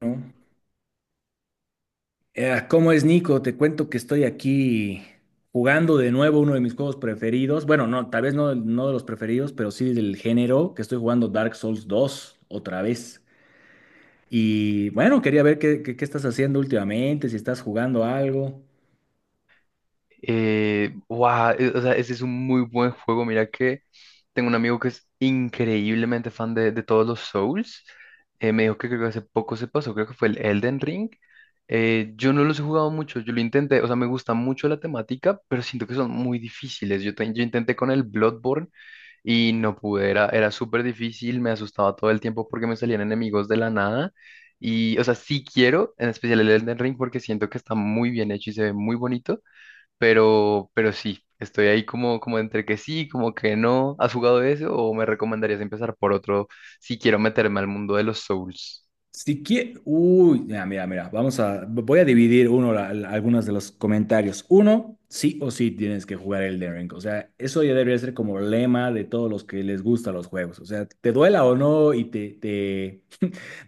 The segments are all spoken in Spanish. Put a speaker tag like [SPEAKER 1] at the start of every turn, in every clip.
[SPEAKER 1] ¿No? ¿Cómo es, Nico? Te cuento que estoy aquí jugando de nuevo uno de mis juegos preferidos. Bueno, no, tal vez no de los preferidos, pero sí del género, que estoy jugando Dark Souls 2, otra vez. Y bueno, quería ver qué estás haciendo últimamente, si estás jugando algo.
[SPEAKER 2] Wow, o sea, ese es un muy buen juego. Mira que tengo un amigo que es increíblemente fan de todos los Souls. Me dijo que creo que hace poco se pasó, creo que fue el Elden Ring. Yo no los he jugado mucho, yo lo intenté, o sea, me gusta mucho la temática, pero siento que son muy difíciles. Yo intenté con el Bloodborne y no pude, era súper difícil, me asustaba todo el tiempo porque me salían enemigos de la nada. Y, o sea, sí quiero, en especial el Elden Ring, porque siento que está muy bien hecho y se ve muy bonito, pero sí, estoy ahí como entre que sí, como que no. ¿Has jugado eso o me recomendarías empezar por otro si quiero meterme al mundo de los Souls?
[SPEAKER 1] Si quie- Uy, mira, voy a dividir uno algunos de los comentarios. Uno, sí o sí tienes que jugar Elden Ring. O sea, eso ya debería ser como lema de todos los que les gustan los juegos. O sea, te duela o no y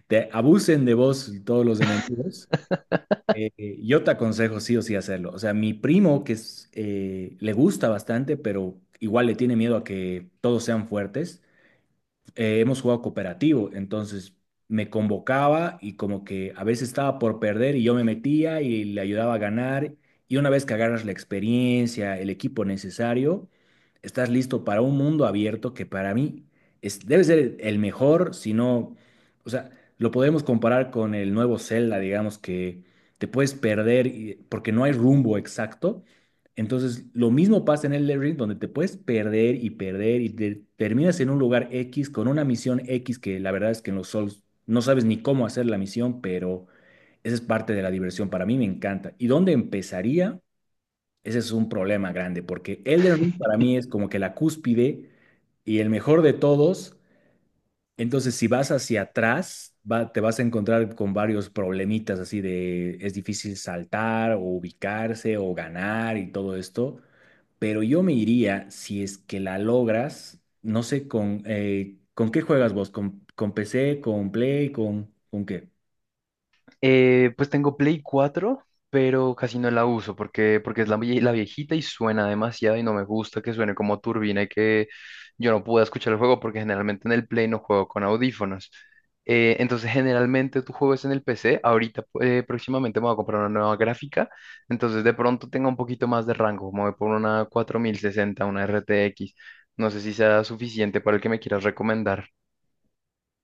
[SPEAKER 1] te abusen de vos todos los enemigos, eh, yo te aconsejo sí o sí hacerlo. O sea, mi primo que es, le gusta bastante, pero igual le tiene miedo a que todos sean fuertes. Hemos jugado cooperativo, entonces me convocaba y como que a veces estaba por perder y yo me metía y le ayudaba a ganar. Y una vez que agarras la experiencia, el equipo necesario, estás listo para un mundo abierto que para mí es, debe ser el mejor, si no, o sea, lo podemos comparar con el nuevo Zelda, digamos que te puedes porque no hay rumbo exacto, entonces, lo mismo pasa en el Elden Ring, donde te puedes perder y perder y terminas en un lugar X con una misión X que la verdad es que en los Souls no sabes ni cómo hacer la misión, pero esa es parte de la diversión. Para mí me encanta. ¿Y dónde empezaría? Ese es un problema grande, porque Elden Ring para mí es como que la cúspide y el mejor de todos. Entonces, si vas hacia atrás, te vas a encontrar con varios problemitas así de es difícil saltar o ubicarse o ganar y todo esto, pero yo me iría, si es que la logras, no sé ¿con qué juegas vos? Con PC, con Play, con qué?
[SPEAKER 2] Pues tengo Play 4, pero casi no la uso porque es la viejita y suena demasiado y no me gusta que suene como turbina y que yo no pueda escuchar el juego porque generalmente en el Play no juego con audífonos. Entonces generalmente tú juegas en el PC, ahorita próximamente me voy a comprar una nueva gráfica, entonces de pronto tenga un poquito más de rango, me voy por una 4060, una RTX, no sé si sea suficiente para el que me quieras recomendar.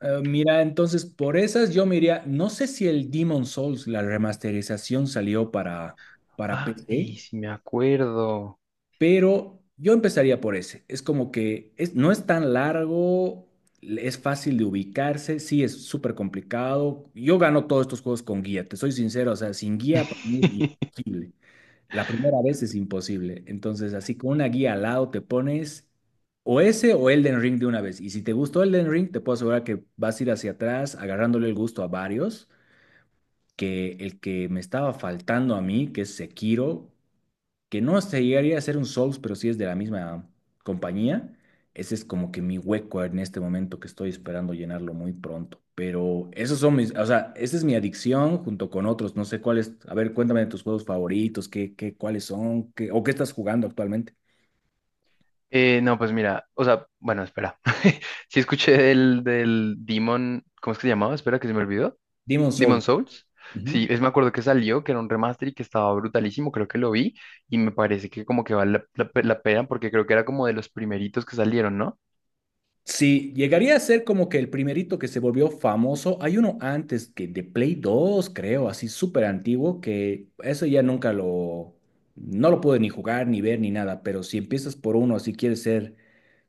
[SPEAKER 1] Mira, entonces por esas yo me iría, no sé si el Demon Souls, la remasterización salió para PC,
[SPEAKER 2] Ay, si me acuerdo.
[SPEAKER 1] pero yo empezaría por ese. Es como que es, no es tan largo, es fácil de ubicarse, sí es súper complicado. Yo gano todos estos juegos con guía, te soy sincero, o sea, sin guía para mí es imposible. La primera vez es imposible. Entonces, así con una guía al lado te pones o ese o Elden Ring de una vez. Y si te gustó Elden Ring, te puedo asegurar que vas a ir hacia atrás agarrándole el gusto a varios, que el que me estaba faltando a mí, que es Sekiro, que no se llegaría a ser un Souls, pero sí es de la misma compañía. Ese es como que mi hueco en este momento que estoy esperando llenarlo muy pronto. Pero esos son mis, o sea, esa es mi adicción junto con otros. No sé cuáles, a ver, cuéntame de tus juegos favoritos, cuáles son, qué, o qué estás jugando actualmente.
[SPEAKER 2] No, pues mira, o sea, bueno, espera. Sí escuché del Demon, ¿cómo es que se llamaba? Espera, que se me olvidó.
[SPEAKER 1] Demon
[SPEAKER 2] Demon
[SPEAKER 1] Soul.
[SPEAKER 2] Souls.
[SPEAKER 1] Ujú.
[SPEAKER 2] Sí, me acuerdo que salió, que era un remaster y que estaba brutalísimo, creo que lo vi y me parece que como que vale la pena porque creo que era como de los primeritos que salieron, ¿no?
[SPEAKER 1] Sí, llegaría a ser como que el primerito que se volvió famoso. Hay uno antes que de Play 2, creo, así súper antiguo, que eso ya nunca no lo pude ni jugar, ni ver, ni nada. Pero si empiezas por uno, si quieres ser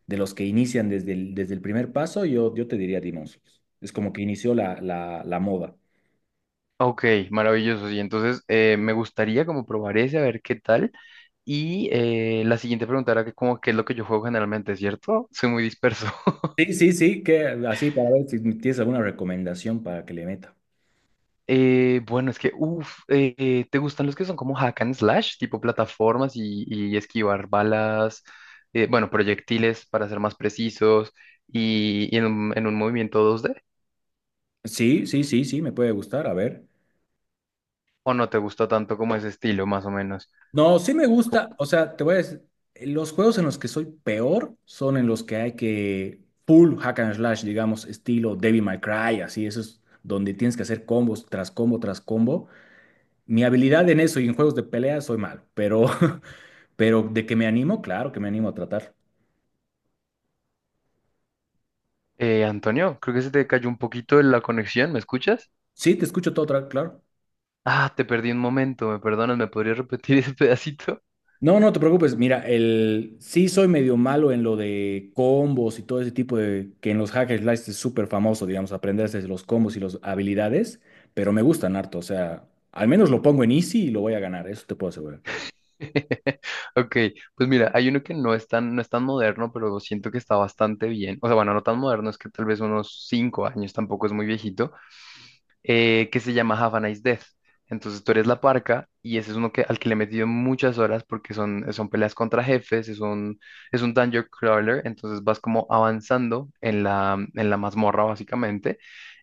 [SPEAKER 1] de los que inician desde desde el primer paso, yo te diría Demon Souls. Es como que inició la moda.
[SPEAKER 2] Ok, maravilloso. Sí, entonces me gustaría como probar ese, a ver qué tal. Y la siguiente pregunta era que como qué es lo que yo juego generalmente, ¿cierto? Soy muy disperso.
[SPEAKER 1] Sí, que así para ver si tienes alguna recomendación para que le meta.
[SPEAKER 2] Bueno, es que, uff, ¿te gustan los que son como hack and slash, tipo plataformas y esquivar balas, bueno, proyectiles para ser más precisos y en un movimiento 2D?
[SPEAKER 1] Sí, me puede gustar, a ver.
[SPEAKER 2] ¿O no te gusta tanto como ese estilo, más o menos?
[SPEAKER 1] No, sí me
[SPEAKER 2] Co-
[SPEAKER 1] gusta, o sea, te voy a decir, los juegos en los que soy peor son en los que hay que full hack and slash, digamos, estilo Devil May Cry, así, eso es donde tienes que hacer combos tras combo tras combo. Mi habilidad en eso y en juegos de pelea soy malo, pero, pero de que me animo, claro que me animo a tratar.
[SPEAKER 2] Antonio, creo que se te cayó un poquito la conexión, ¿me escuchas?
[SPEAKER 1] Sí, te escucho todo, claro.
[SPEAKER 2] Ah, te perdí un momento, ¿me perdonas? ¿Me podrías repetir ese pedacito?
[SPEAKER 1] No, no te preocupes. Mira, el sí soy medio malo en lo de combos y todo ese tipo de que en los hack and slash es súper famoso, digamos, aprenderse los combos y las habilidades, pero me gustan harto. O sea, al menos lo pongo en easy y lo voy a ganar, eso te puedo asegurar.
[SPEAKER 2] Ok, pues mira, hay uno que no es tan moderno, pero siento que está bastante bien. O sea, bueno, no tan moderno, es que tal vez unos 5 años tampoco es muy viejito, que se llama Have a Nice Death. Entonces tú eres la parca y ese es uno que, al que le he metido muchas horas porque son peleas contra jefes, es un dungeon crawler, entonces vas como avanzando en la mazmorra básicamente,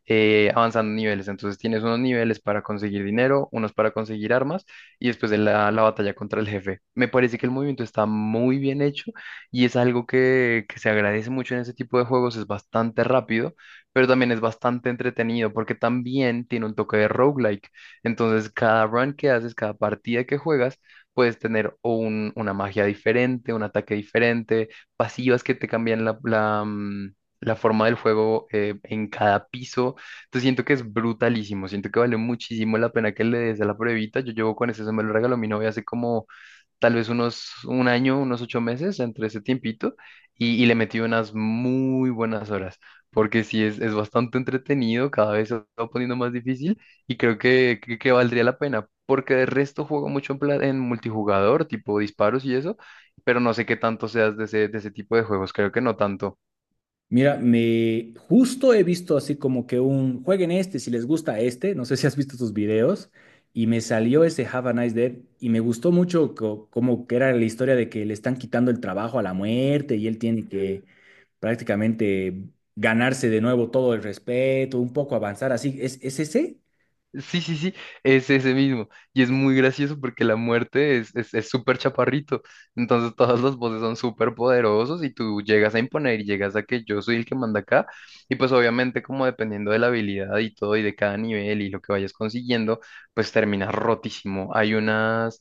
[SPEAKER 2] avanzando niveles. Entonces tienes unos niveles para conseguir dinero, unos para conseguir armas y después de la batalla contra el jefe. Me parece que el movimiento está muy bien hecho y es algo que se agradece mucho en ese tipo de juegos, es bastante rápido pero también es bastante entretenido porque también tiene un toque de roguelike. Entonces, cada run que haces, cada partida que juegas, puedes tener o una magia diferente, un ataque diferente, pasivas que te cambian la forma del juego en cada piso. Entonces, siento que es brutalísimo, siento que vale muchísimo la pena que le des a la pruebita. Yo llevo con ese, se me lo regaló mi novia hace como tal vez unos un año, unos 8 meses entre ese tiempito, y le metí unas muy buenas horas, porque sí es bastante entretenido, cada vez se va poniendo más difícil y creo que valdría la pena, porque de resto juego mucho en, en multijugador, tipo disparos y eso, pero no sé qué tanto seas de ese tipo de juegos, creo que no tanto.
[SPEAKER 1] Mira, me justo he visto así como que un jueguen este si les gusta este. No sé si has visto tus videos. Y me salió ese Have a Nice Day y me gustó mucho como que era la historia de que le están quitando el trabajo a la muerte y él tiene que prácticamente ganarse de nuevo todo el respeto, un poco avanzar así. Es ese?
[SPEAKER 2] Sí, sí, sí, es ese mismo. Y es muy gracioso porque la muerte es súper chaparrito. Entonces todas las voces son súper poderosos y tú llegas a imponer y llegas a que yo soy el que manda acá. Y pues obviamente como dependiendo de la habilidad y todo y de cada nivel y lo que vayas consiguiendo, pues terminas rotísimo. Hay unas,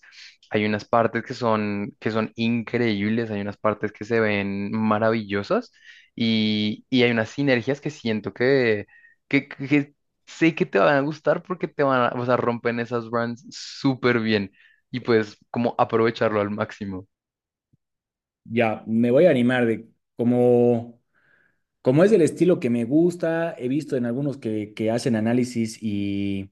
[SPEAKER 2] hay unas partes que son increíbles, hay unas partes que se ven maravillosas y hay unas sinergias que siento que sé que te van a gustar porque te van a, o sea, rompen esas brands súper bien y pues como aprovecharlo al máximo.
[SPEAKER 1] Ya, me voy a animar de como, como es el estilo que me gusta. He visto en algunos que hacen análisis y.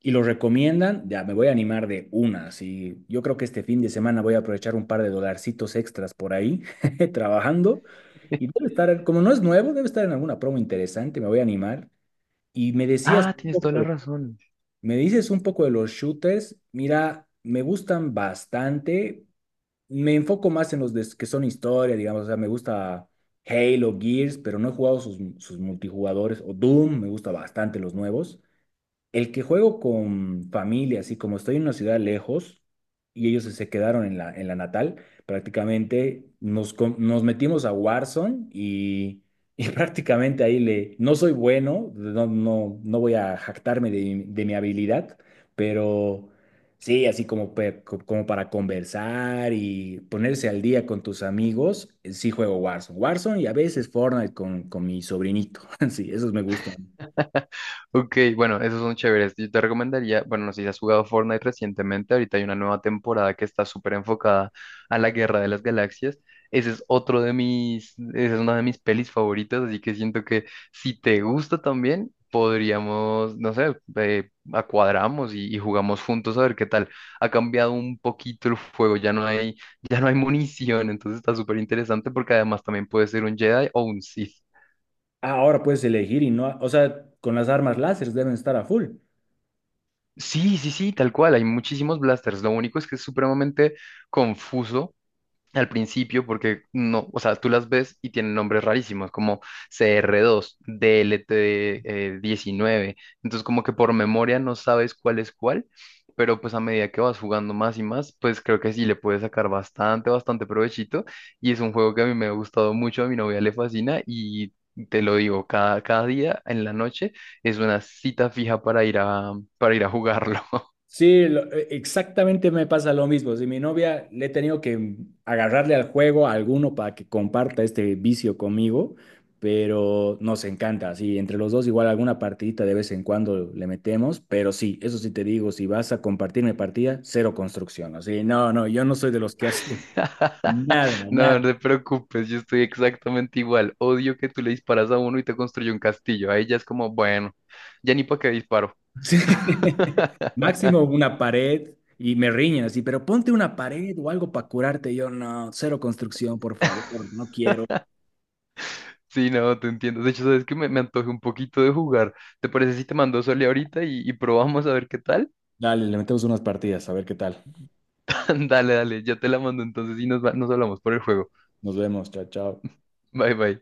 [SPEAKER 1] y lo recomiendan, ya me voy a animar de una. Sí, yo creo que este fin de semana voy a aprovechar un par de dolarcitos extras por ahí trabajando y debe estar, como no es nuevo, debe estar en alguna promo interesante, me voy a animar. Y me decías
[SPEAKER 2] Ah,
[SPEAKER 1] un
[SPEAKER 2] tienes toda la
[SPEAKER 1] poco,
[SPEAKER 2] razón.
[SPEAKER 1] me dices un poco de los shooters. Mira, me gustan bastante. Me enfoco más en los que son historia, digamos, o sea, me gusta Halo, Gears, pero no he jugado sus multijugadores o Doom, me gusta bastante los nuevos. El que juego con familia, así como estoy en una ciudad lejos y ellos se quedaron en en la natal, prácticamente nos metimos a Warzone y prácticamente ahí le... No soy bueno, no voy a jactarme de, mi habilidad, pero sí, así como, como para conversar y ponerse al día con tus amigos, sí juego Warzone. Warzone y a veces Fortnite con mi sobrinito. Sí, esos me gustan.
[SPEAKER 2] Ok, bueno, esos son chéveres. Yo te recomendaría, bueno, no sé si has jugado Fortnite recientemente, ahorita hay una nueva temporada que está súper enfocada a la Guerra de las Galaxias. Ese es otro esa es una de mis pelis favoritas, así que siento que si te gusta también, podríamos, no sé, acuadramos y jugamos juntos a ver qué tal. Ha cambiado un poquito el juego, ya no hay munición, entonces está súper interesante porque además también puede ser un Jedi o un Sith.
[SPEAKER 1] Ah, ahora puedes elegir y no, o sea, con las armas láseres deben estar a full.
[SPEAKER 2] Sí, sí, sí, tal cual, hay muchísimos blasters. Lo único es que es supremamente confuso al principio porque no, o sea, tú las ves y tienen nombres rarísimos como CR2, DLT19, entonces como que por memoria no sabes cuál es cuál, pero pues a medida que vas jugando más y más, pues creo que sí le puedes sacar bastante, bastante provechito y es un juego que a mí me ha gustado mucho, a mi novia le fascina y te lo digo, cada día en la noche es una cita fija para ir a, jugarlo.
[SPEAKER 1] Sí, exactamente me pasa lo mismo. Si mi novia le he tenido que agarrarle al juego a alguno para que comparta este vicio conmigo, pero nos encanta. Sí, entre los dos igual alguna partidita de vez en cuando le metemos, pero sí, eso sí te digo, si vas a compartirme partida, cero construcción. Así, no, no, yo no soy de los que hace nada,
[SPEAKER 2] No,
[SPEAKER 1] nada.
[SPEAKER 2] no te preocupes, yo estoy exactamente igual. Odio que tú le disparas a uno y te construye un castillo. Ahí ya es como, bueno, ya ni para qué disparo.
[SPEAKER 1] Sí. Máximo una pared y me riñen así, pero ponte una pared o algo para curarte. Yo no, cero construcción, por favor, no quiero.
[SPEAKER 2] Sí, no, te entiendo. De hecho, sabes que me antoje un poquito de jugar. ¿Te parece si te mando Sole ahorita y probamos a ver qué tal?
[SPEAKER 1] Dale, le metemos unas partidas, a ver qué tal.
[SPEAKER 2] Dale, dale, ya te la mando entonces y nos hablamos por el juego.
[SPEAKER 1] Nos vemos, chao, chao.
[SPEAKER 2] Bye, bye.